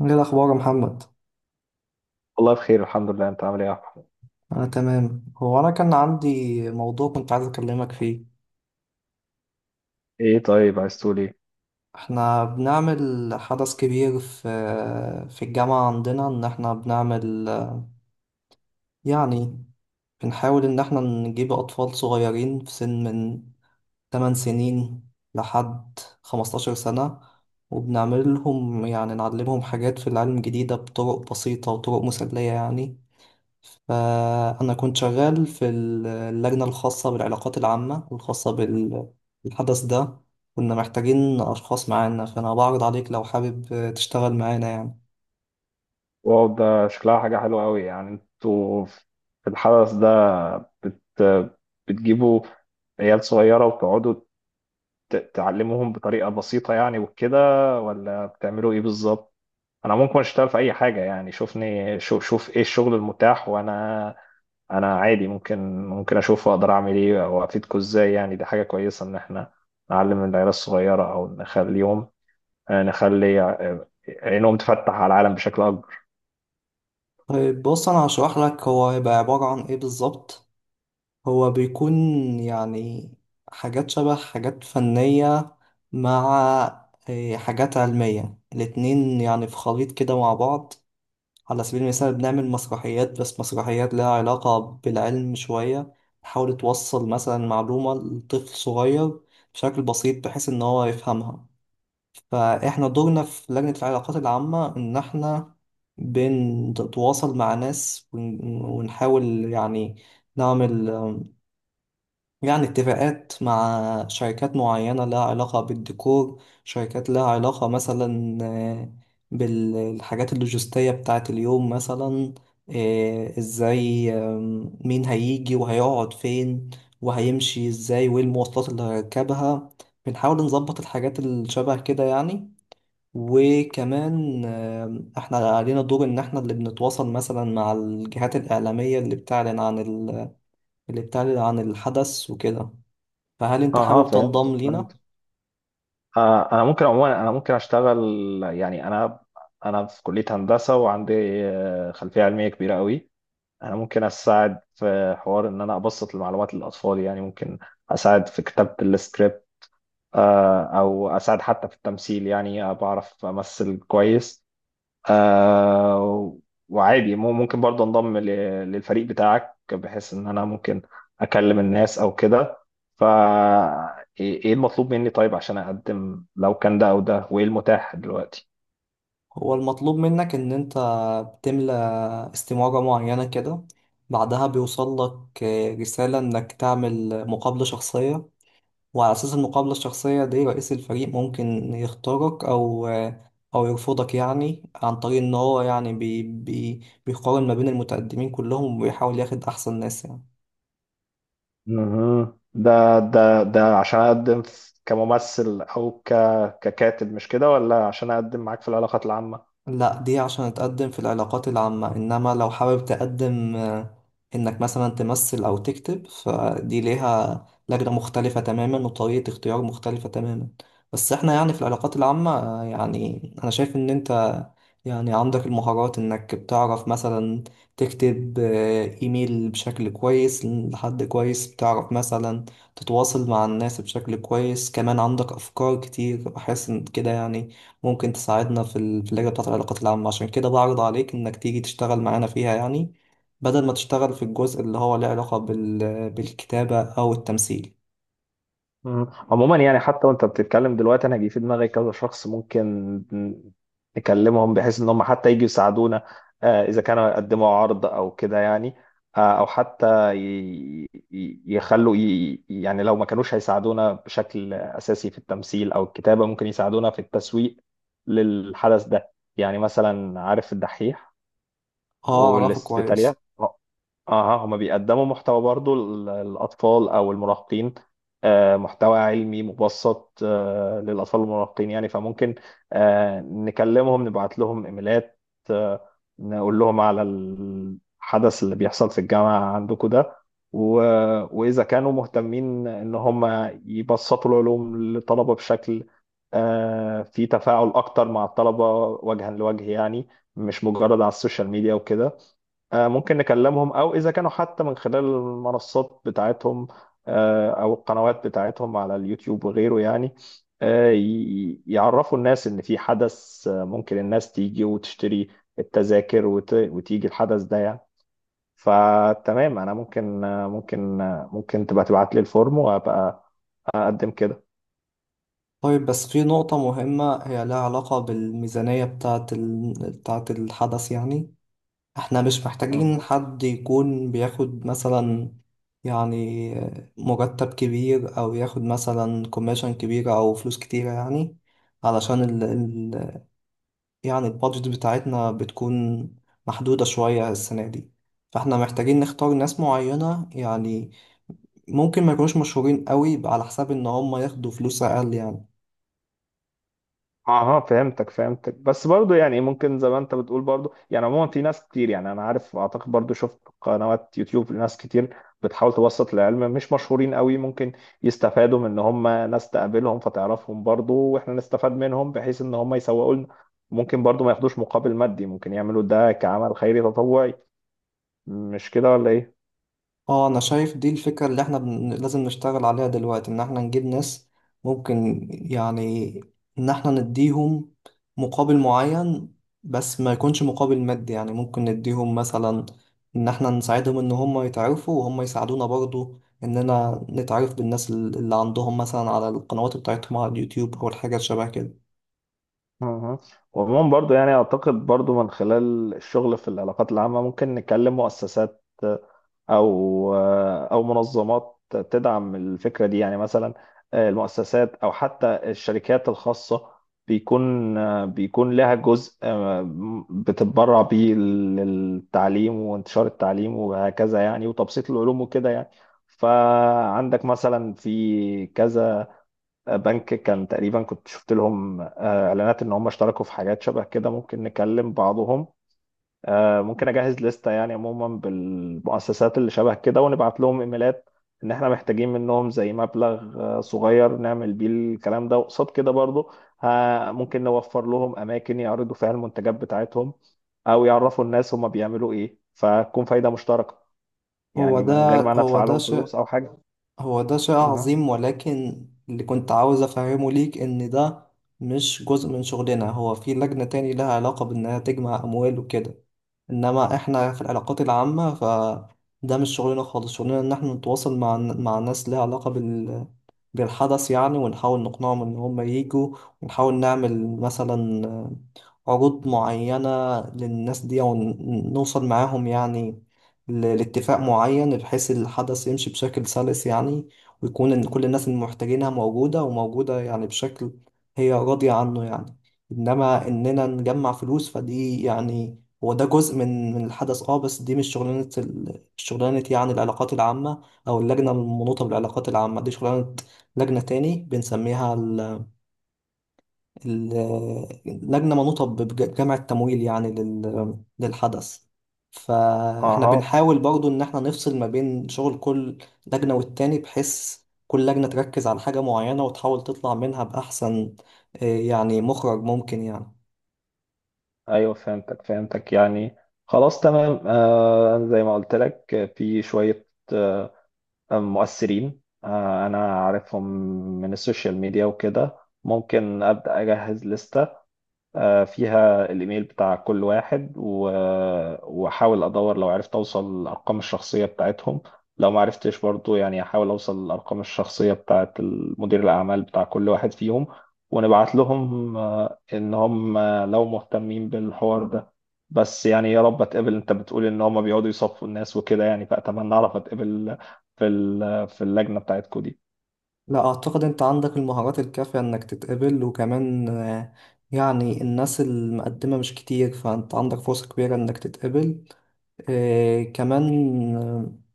ايه الاخبار يا محمد؟ والله بخير، الحمد لله. انت عامل ايه يا احمد؟ انا تمام. انا كان عندي موضوع كنت عايز اكلمك فيه. ايه، طيب عايز تقول ايه؟ احنا بنعمل حدث كبير في الجامعة عندنا، ان احنا بنعمل يعني بنحاول ان احنا نجيب اطفال صغيرين في سن من 8 سنين لحد 15 سنة، وبنعمل لهم نعلمهم حاجات في العلم الجديدة بطرق بسيطة وطرق مسلية يعني. فأنا كنت شغال في اللجنة الخاصة بالعلاقات العامة الخاصة بالحدث ده، كنا محتاجين أشخاص معانا، فأنا بعرض عليك لو حابب تشتغل معانا يعني. واو، ده شكلها حاجه حلوه قوي. يعني انتوا في الحدث ده بت بتجيبوا عيال صغيره وتقعدوا تعلموهم بطريقه بسيطه يعني وكده، ولا بتعملوا ايه بالظبط؟ انا ممكن اشتغل في اي حاجه، يعني شوفني شوف ايه الشغل المتاح، وانا عادي ممكن اشوف اقدر اعمل ايه او افيدكم ازاي. يعني دي حاجه كويسه ان احنا نعلم العيال الصغيره او نخلي ع- عينهم تفتح على العالم بشكل اكبر. طيب بص، أنا هشرح لك هو هيبقى عبارة عن إيه بالظبط. هو بيكون يعني حاجات شبه حاجات فنية مع إيه، حاجات علمية، الاتنين يعني في خليط كده مع بعض. على سبيل المثال بنعمل مسرحيات، بس مسرحيات لها علاقة بالعلم شوية، تحاول توصل مثلا معلومة لطفل صغير بشكل بسيط بحيث إن هو يفهمها. فإحنا دورنا في لجنة العلاقات العامة إن إحنا بنتواصل مع ناس ونحاول يعني نعمل اتفاقات مع شركات معينة لها علاقة بالديكور، شركات لها علاقة مثلا بالحاجات اللوجستية بتاعة اليوم مثلا، ازاي، مين هيجي وهيقعد فين وهيمشي ازاي وايه المواصلات اللي هيركبها. بنحاول نظبط الحاجات اللي شبه كده يعني. وكمان احنا علينا دور ان احنا اللي بنتواصل مثلا مع الجهات الإعلامية اللي بتعلن عن اللي بتعلن عن الحدث وكده. فهل انت اها، حابب فهمت تنضم لينا؟ فهمت. انا ممكن، عموما انا ممكن اشتغل. يعني انا في كليه هندسه، وعندي خلفيه علميه كبيره قوي. انا ممكن اساعد في حوار ان انا ابسط المعلومات للاطفال، يعني ممكن اساعد في كتابه السكريبت، او اساعد حتى في التمثيل، يعني بعرف امثل كويس. آه وعادي ممكن برضه انضم للفريق بتاعك، بحيث ان انا ممكن اكلم الناس او كده. فا إيه المطلوب مني طيب عشان اقدم لو كان ده او ده، وايه المتاح دلوقتي؟ هو المطلوب منك ان انت بتملى استمارة معينة كده، بعدها بيوصل لك رسالة انك تعمل مقابلة شخصية، وعلى اساس المقابلة الشخصية دي رئيس الفريق ممكن يختارك او او يرفضك، يعني عن طريق ان هو يعني بي بي بيقارن ما بين المتقدمين كلهم ويحاول ياخد احسن ناس يعني. مهم. ده عشان اقدم كممثل او ككاتب، مش كده، ولا عشان اقدم معاك في العلاقات العامة؟ لا، دي عشان تقدم في العلاقات العامة، إنما لو حابب تقدم إنك مثلا تمثل أو تكتب، فدي ليها لجنة مختلفة تماما وطريقة اختيار مختلفة تماما. بس إحنا يعني في العلاقات العامة، يعني أنا شايف إن أنت يعني عندك المهارات، إنك بتعرف مثلا تكتب إيميل بشكل كويس لحد كويس، بتعرف مثلا تتواصل مع الناس بشكل كويس، كمان عندك أفكار كتير، بحس إن كده يعني ممكن تساعدنا في في اللجنة بتاعة العلاقات العامة، عشان كده بعرض عليك إنك تيجي تشتغل معانا فيها يعني، بدل ما تشتغل في الجزء اللي هو له علاقة بالكتابة أو التمثيل. مم. عموما يعني حتى وانت بتتكلم دلوقتي، انا جه في دماغي كذا شخص ممكن نكلمهم بحيث ان هم حتى يجوا يساعدونا، اذا كانوا يقدموا عرض او كده يعني. او حتى يعني لو ما كانوش هيساعدونا بشكل اساسي في التمثيل او الكتابة، ممكن يساعدونا في التسويق للحدث ده. يعني مثلا عارف الدحيح اه أعرفه والاسبيتاليا؟ كويس. اه، هما بيقدموا محتوى برضو للأطفال أو المراهقين، محتوى علمي مبسط للأطفال والمراهقين. يعني فممكن نكلمهم، نبعت لهم إيميلات، آه، نقول لهم على الحدث اللي بيحصل في الجامعة عندكم ده، و- وإذا كانوا مهتمين إن هم يبسطوا العلوم للطلبة بشكل فيه تفاعل أكتر مع الطلبة وجها لوجه، يعني مش مجرد على السوشيال ميديا وكده. ممكن نكلمهم او اذا كانوا حتى من خلال المنصات بتاعتهم، او القنوات بتاعتهم على اليوتيوب وغيره، يعني يعرفوا الناس ان في حدث، ممكن الناس تيجي وتشتري التذاكر وتيجي الحدث ده يعني. فتمام، انا ممكن، ممكن تبقى تبعت لي الفورم وابقى اقدم طيب بس في نقطة مهمة هي لها علاقة بالميزانية بتاعة بتاعة الحدث يعني. احنا مش محتاجين كده. حد يكون بياخد مثلا يعني مرتب كبير، أو ياخد مثلا كوميشن كبيرة أو فلوس كتيرة يعني، علشان البادجت بتاعتنا بتكون محدودة شوية السنة دي، فاحنا محتاجين نختار ناس معينة يعني، ممكن ما يكونوش مشهورين قوي على حساب ان هم ياخدوا فلوس اقل يعني. اها، فهمتك فهمتك. بس برضو يعني ممكن زي ما انت بتقول. برضو يعني عموما في ناس كتير، يعني انا عارف، اعتقد برضو شفت قنوات يوتيوب، ناس كتير بتحاول توسط العلم مش مشهورين قوي. ممكن يستفادوا من ان هم ناس تقابلهم فتعرفهم برضو، واحنا نستفاد منهم بحيث ان هم يسوقوا لنا. ممكن برضو ما ياخدوش مقابل مادي، ممكن يعملوا ده كعمل خيري تطوعي. مش كده ولا ايه؟ اه انا شايف دي الفكرة اللي احنا لازم نشتغل عليها دلوقتي، ان احنا نجيب ناس ممكن يعني ان احنا نديهم مقابل معين، بس ما يكونش مقابل مادي يعني، ممكن نديهم مثلا ان احنا نساعدهم ان هم يتعرفوا، وهم يساعدونا برضو اننا نتعرف بالناس اللي عندهم مثلا على القنوات بتاعتهم على اليوتيوب او الحاجات شبه كده. اها. وعموما برضو يعني اعتقد برضو من خلال الشغل في العلاقات العامة ممكن نكلم مؤسسات او او منظمات تدعم الفكره دي. يعني مثلا المؤسسات او حتى الشركات الخاصه بيكون بيكون لها جزء بتتبرع بيه للتعليم وانتشار التعليم وهكذا، يعني وتبسيط العلوم وكده يعني. فعندك مثلا في كذا بنك كان تقريبا كنت شفت لهم اعلانات ان هم اشتركوا في حاجات شبه كده. ممكن نكلم بعضهم، ممكن اجهز لستة، يعني عموما بالمؤسسات اللي شبه كده، ونبعت لهم ايميلات ان احنا محتاجين منهم زي مبلغ صغير نعمل بيه الكلام ده. وقصاد كده برضو، ها، ممكن نوفر لهم اماكن يعرضوا فيها المنتجات بتاعتهم او يعرفوا الناس هما بيعملوا ايه، فتكون فايدة مشتركة، هو يعني ده من غير ما انا هو ادفع ده لهم شيء فلوس او حاجة. هو ده شيء اها. عظيم، ولكن اللي كنت عاوز أفهمه ليك إن ده مش جزء من شغلنا، هو في لجنة تاني لها علاقة بإنها تجمع أموال وكده، انما احنا في العلاقات العامة فده مش شغلنا خالص. شغلنا ان احنا نتواصل مع ناس ليها علاقة بالحدث يعني، ونحاول نقنعهم ان هم ييجوا، ونحاول نعمل مثلا عروض معينة للناس دي ونوصل معاهم يعني لاتفاق معين، بحيث الحدث يمشي بشكل سلس يعني، ويكون إن كل الناس المحتاجينها موجودة، وموجودة يعني بشكل هي راضية عنه يعني. إنما إننا نجمع فلوس فدي يعني، هو ده جزء من الحدث اه، بس دي مش شغلانة شغلانة يعني العلاقات العامة أو اللجنة المنوطة بالعلاقات العامة، دي شغلانة لجنة تاني بنسميها ال ال لجنة منوطة بجمع التمويل يعني للحدث. فاحنا اها، بنحاول برضو إن احنا نفصل ما بين شغل كل لجنة والتاني، بحيث كل لجنة تركز على حاجة معينة وتحاول تطلع منها بأحسن يعني مخرج ممكن يعني. ايوه، فهمتك فهمتك يعني. خلاص تمام، آه زي ما قلت لك، في شوية آه، مؤثرين، انا عارفهم من السوشيال ميديا وكده. ممكن ابدا اجهز لستة فيها الايميل بتاع كل واحد، واحاول ادور لو عرفت اوصل الارقام الشخصيه بتاعتهم. لو ما عرفتش برضو، يعني احاول اوصل الارقام الشخصيه بتاعت مدير الاعمال بتاع كل واحد فيهم، ونبعت لهم ان هم لو مهتمين بالحوار ده. بس يعني يا رب اتقبل. انت بتقول ان هم بيقعدوا يصفوا الناس وكده يعني، فاتمنى اعرف اتقبل في في اللجنه بتاعتكوا دي. لا، أعتقد أنت عندك المهارات الكافية إنك تتقبل، وكمان يعني الناس المقدمة مش كتير، فأنت عندك فرصة كبيرة إنك تتقبل. كمان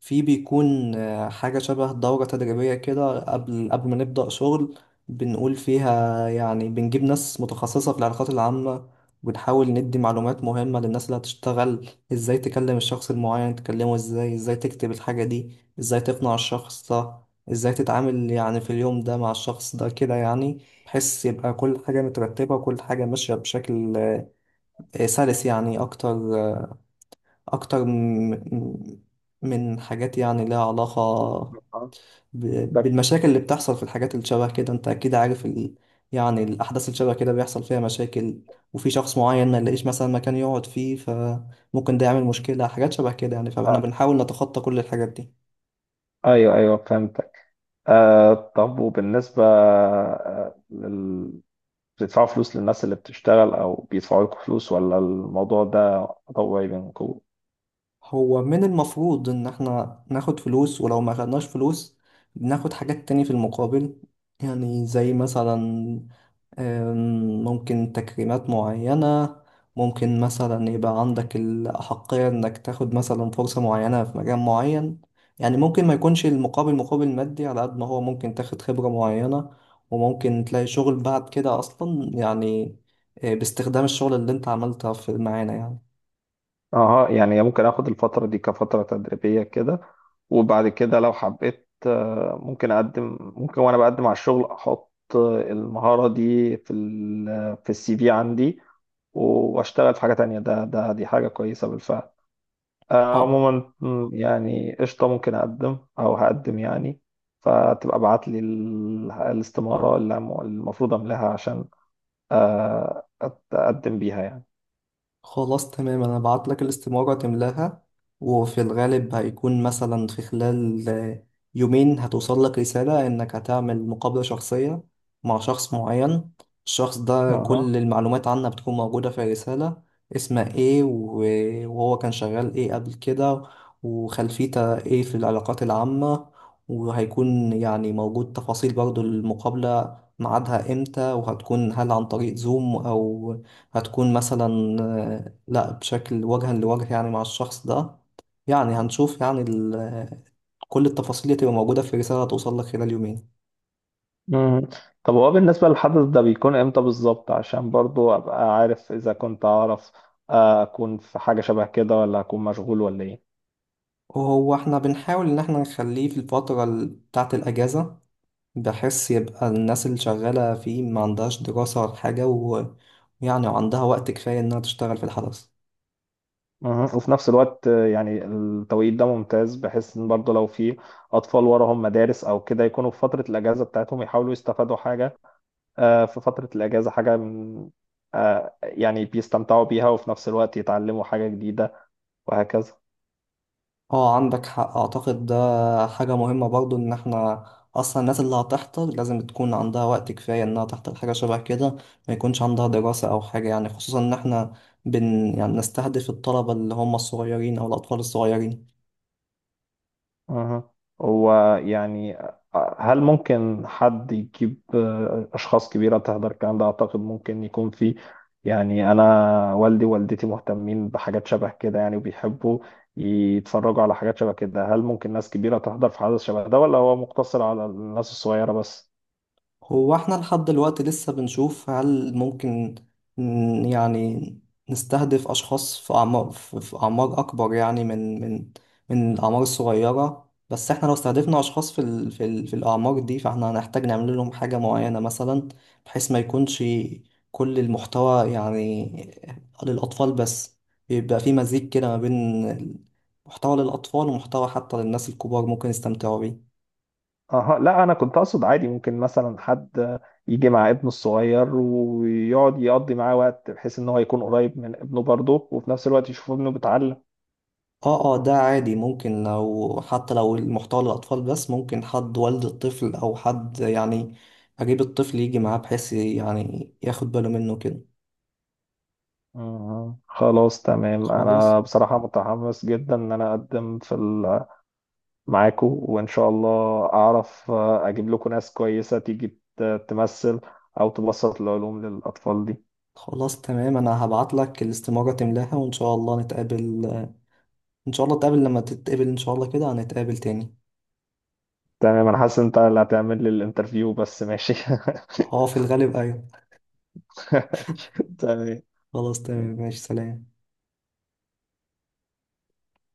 في بيكون حاجة شبه دورة تدريبية كده قبل ما نبدأ شغل، بنقول فيها يعني بنجيب ناس متخصصة في العلاقات العامة، وبنحاول ندي معلومات مهمة للناس اللي هتشتغل. ازاي تكلم الشخص المعين، تكلمه ازاي، ازاي تكتب الحاجة دي، ازاي تقنع الشخص ده، ازاي تتعامل يعني في اليوم ده مع الشخص ده كده يعني، بحيث يبقى كل حاجة مترتبة وكل حاجة ماشية بشكل سلس يعني، أكتر أكتر م- م- من حاجات يعني لها علاقة آه. ده بالمشاكل اللي بتحصل في الحاجات اللي شبه كده. أنت أكيد عارف يعني الأحداث اللي شبه كده بيحصل فيها مشاكل، وفي شخص معين ما يلاقيش مثلا مكان يقعد فيه فممكن ده يعمل مشكلة، حاجات شبه كده يعني، فاحنا آه، بنحاول نتخطى كل الحاجات دي. ايوه ايوه فهمت. طب، وبالنسبة بتدفعوا فلوس للناس اللي بتشتغل أو بيدفعوا لكم فلوس، ولا الموضوع ده طوعي بينكم؟ هو من المفروض إن احنا ناخد فلوس، ولو ما خدناش فلوس بناخد حاجات تاني في المقابل، يعني زي مثلا ممكن تكريمات معينة، ممكن مثلا يبقى عندك الأحقية إنك تاخد مثلا فرصة معينة في مجال معين يعني. ممكن ما يكونش المقابل مقابل مادي، على قد ما هو ممكن تاخد خبرة معينة وممكن تلاقي شغل بعد كده أصلا يعني، باستخدام الشغل اللي أنت عملتها في معانا يعني. أها، يعني ممكن آخد الفترة دي كفترة تدريبية كده، وبعد كده لو حبيت، ممكن أقدم. ممكن، وأنا بقدم على الشغل، أحط المهارة دي في السي في عندي، وأشتغل في حاجة تانية. ده ده دي حاجة كويسة بالفعل. اه. عموما، يعني قشطة، ممكن أقدم أو هقدم يعني. فتبقى ابعت لي الاستمارة اللي المفروض أملاها عشان أقدم بيها يعني. خلاص تمام انا هبعت لك الاستمارة تملاها، وفي الغالب هيكون مثلا في خلال يومين هتوصل لك رسالة انك هتعمل مقابلة شخصية مع شخص معين، الشخص ده أها. كل المعلومات عنه بتكون موجودة في الرسالة، اسمه ايه وهو كان شغال ايه قبل كده، وخلفيته ايه في العلاقات العامة، وهيكون يعني موجود تفاصيل برضو المقابلة ميعادها امتى، وهتكون هل عن طريق زوم او هتكون مثلا لا بشكل وجها لوجه يعني مع الشخص ده. يعني هنشوف يعني كل التفاصيل اللي تبقى موجودة في رسالة هتوصل لك خلال يومين. مم. طب هو بالنسبة للحدث ده بيكون إمتى بالظبط؟ عشان برضو أبقى عارف، إذا كنت أعرف أكون في حاجة شبه كده، ولا أكون مشغول، ولا إيه. وهو احنا بنحاول ان احنا نخليه في الفترة بتاعة الأجازة، بحيث يبقى الناس اللي شغالة فيه ما عندهاش دراسة ولا حاجة، ويعني عندها وقت كفاية انها تشتغل في الحدث. مم. وفي نفس الوقت يعني التوقيت ده ممتاز، بحيث إن برضو لو في أطفال وراهم مدارس أو كده، يكونوا في فترة الأجازة بتاعتهم، يحاولوا يستفادوا حاجة في فترة الأجازة، حاجة من يعني بيستمتعوا بيها، وفي نفس الوقت يتعلموا حاجة جديدة، وهكذا. اه عندك حق، اعتقد ده حاجة مهمة برضو، ان احنا اصلا الناس اللي هتحضر لازم تكون عندها وقت كفاية انها تحضر حاجة شبه كده، ما يكونش عندها دراسة او حاجة يعني، خصوصا ان احنا بن يعني نستهدف الطلبة اللي هم الصغيرين او الاطفال الصغيرين. أها. هو يعني هل ممكن حد يجيب أشخاص كبيرة تحضر الكلام ده؟ أعتقد ممكن يكون في، يعني أنا والدي ووالدتي مهتمين بحاجات شبه كده يعني، وبيحبوا يتفرجوا على حاجات شبه كده. هل ممكن ناس كبيرة تحضر في حدث شبه ده، ولا هو مقتصر على الناس الصغيرة بس؟ هو احنا لحد دلوقتي لسه بنشوف هل ممكن يعني نستهدف أشخاص في أعمار في أعمار أكبر يعني من الأعمار الصغيرة، بس احنا لو استهدفنا أشخاص في ال في ال في الأعمار دي فاحنا هنحتاج نعمل لهم حاجة معينة مثلا، بحيث ما يكونش كل المحتوى يعني للأطفال بس، يبقى في مزيج كده ما بين محتوى للأطفال ومحتوى حتى للناس الكبار ممكن يستمتعوا بيه. اها، لا انا كنت اقصد عادي، ممكن مثلا حد يجي مع ابنه الصغير ويقعد يقضي معاه وقت، بحيث ان هو يكون قريب من ابنه برضه، وفي نفس الوقت يشوف ابنه بيتعلم. اه ده عادي، ممكن لو حتى لو المحتوى للأطفال بس ممكن حد والد الطفل أو حد يعني أجيب الطفل يجي معاه بحيث يعني ياخد باله منه كده. أها. خلاص تمام، خلاص. انا بصراحة متحمس جدا ان انا اقدم معاكو، وان شاء الله اعرف اجيب لكم ناس كويسة تيجي تمثل او تبسط العلوم للاطفال دي. خلاص تمام، أنا هبعت لك الاستمارة تملاها وإن شاء الله نتقابل. إن شاء الله نتقابل، لما تتقابل إن شاء الله كده هنتقابل تاني. تمام، انا حاسس إن انت اللي هتعمل لي الانترفيو بس ماشي. اه في الغالب أيوة. تمام. خلاص تمام ماشي، سلام.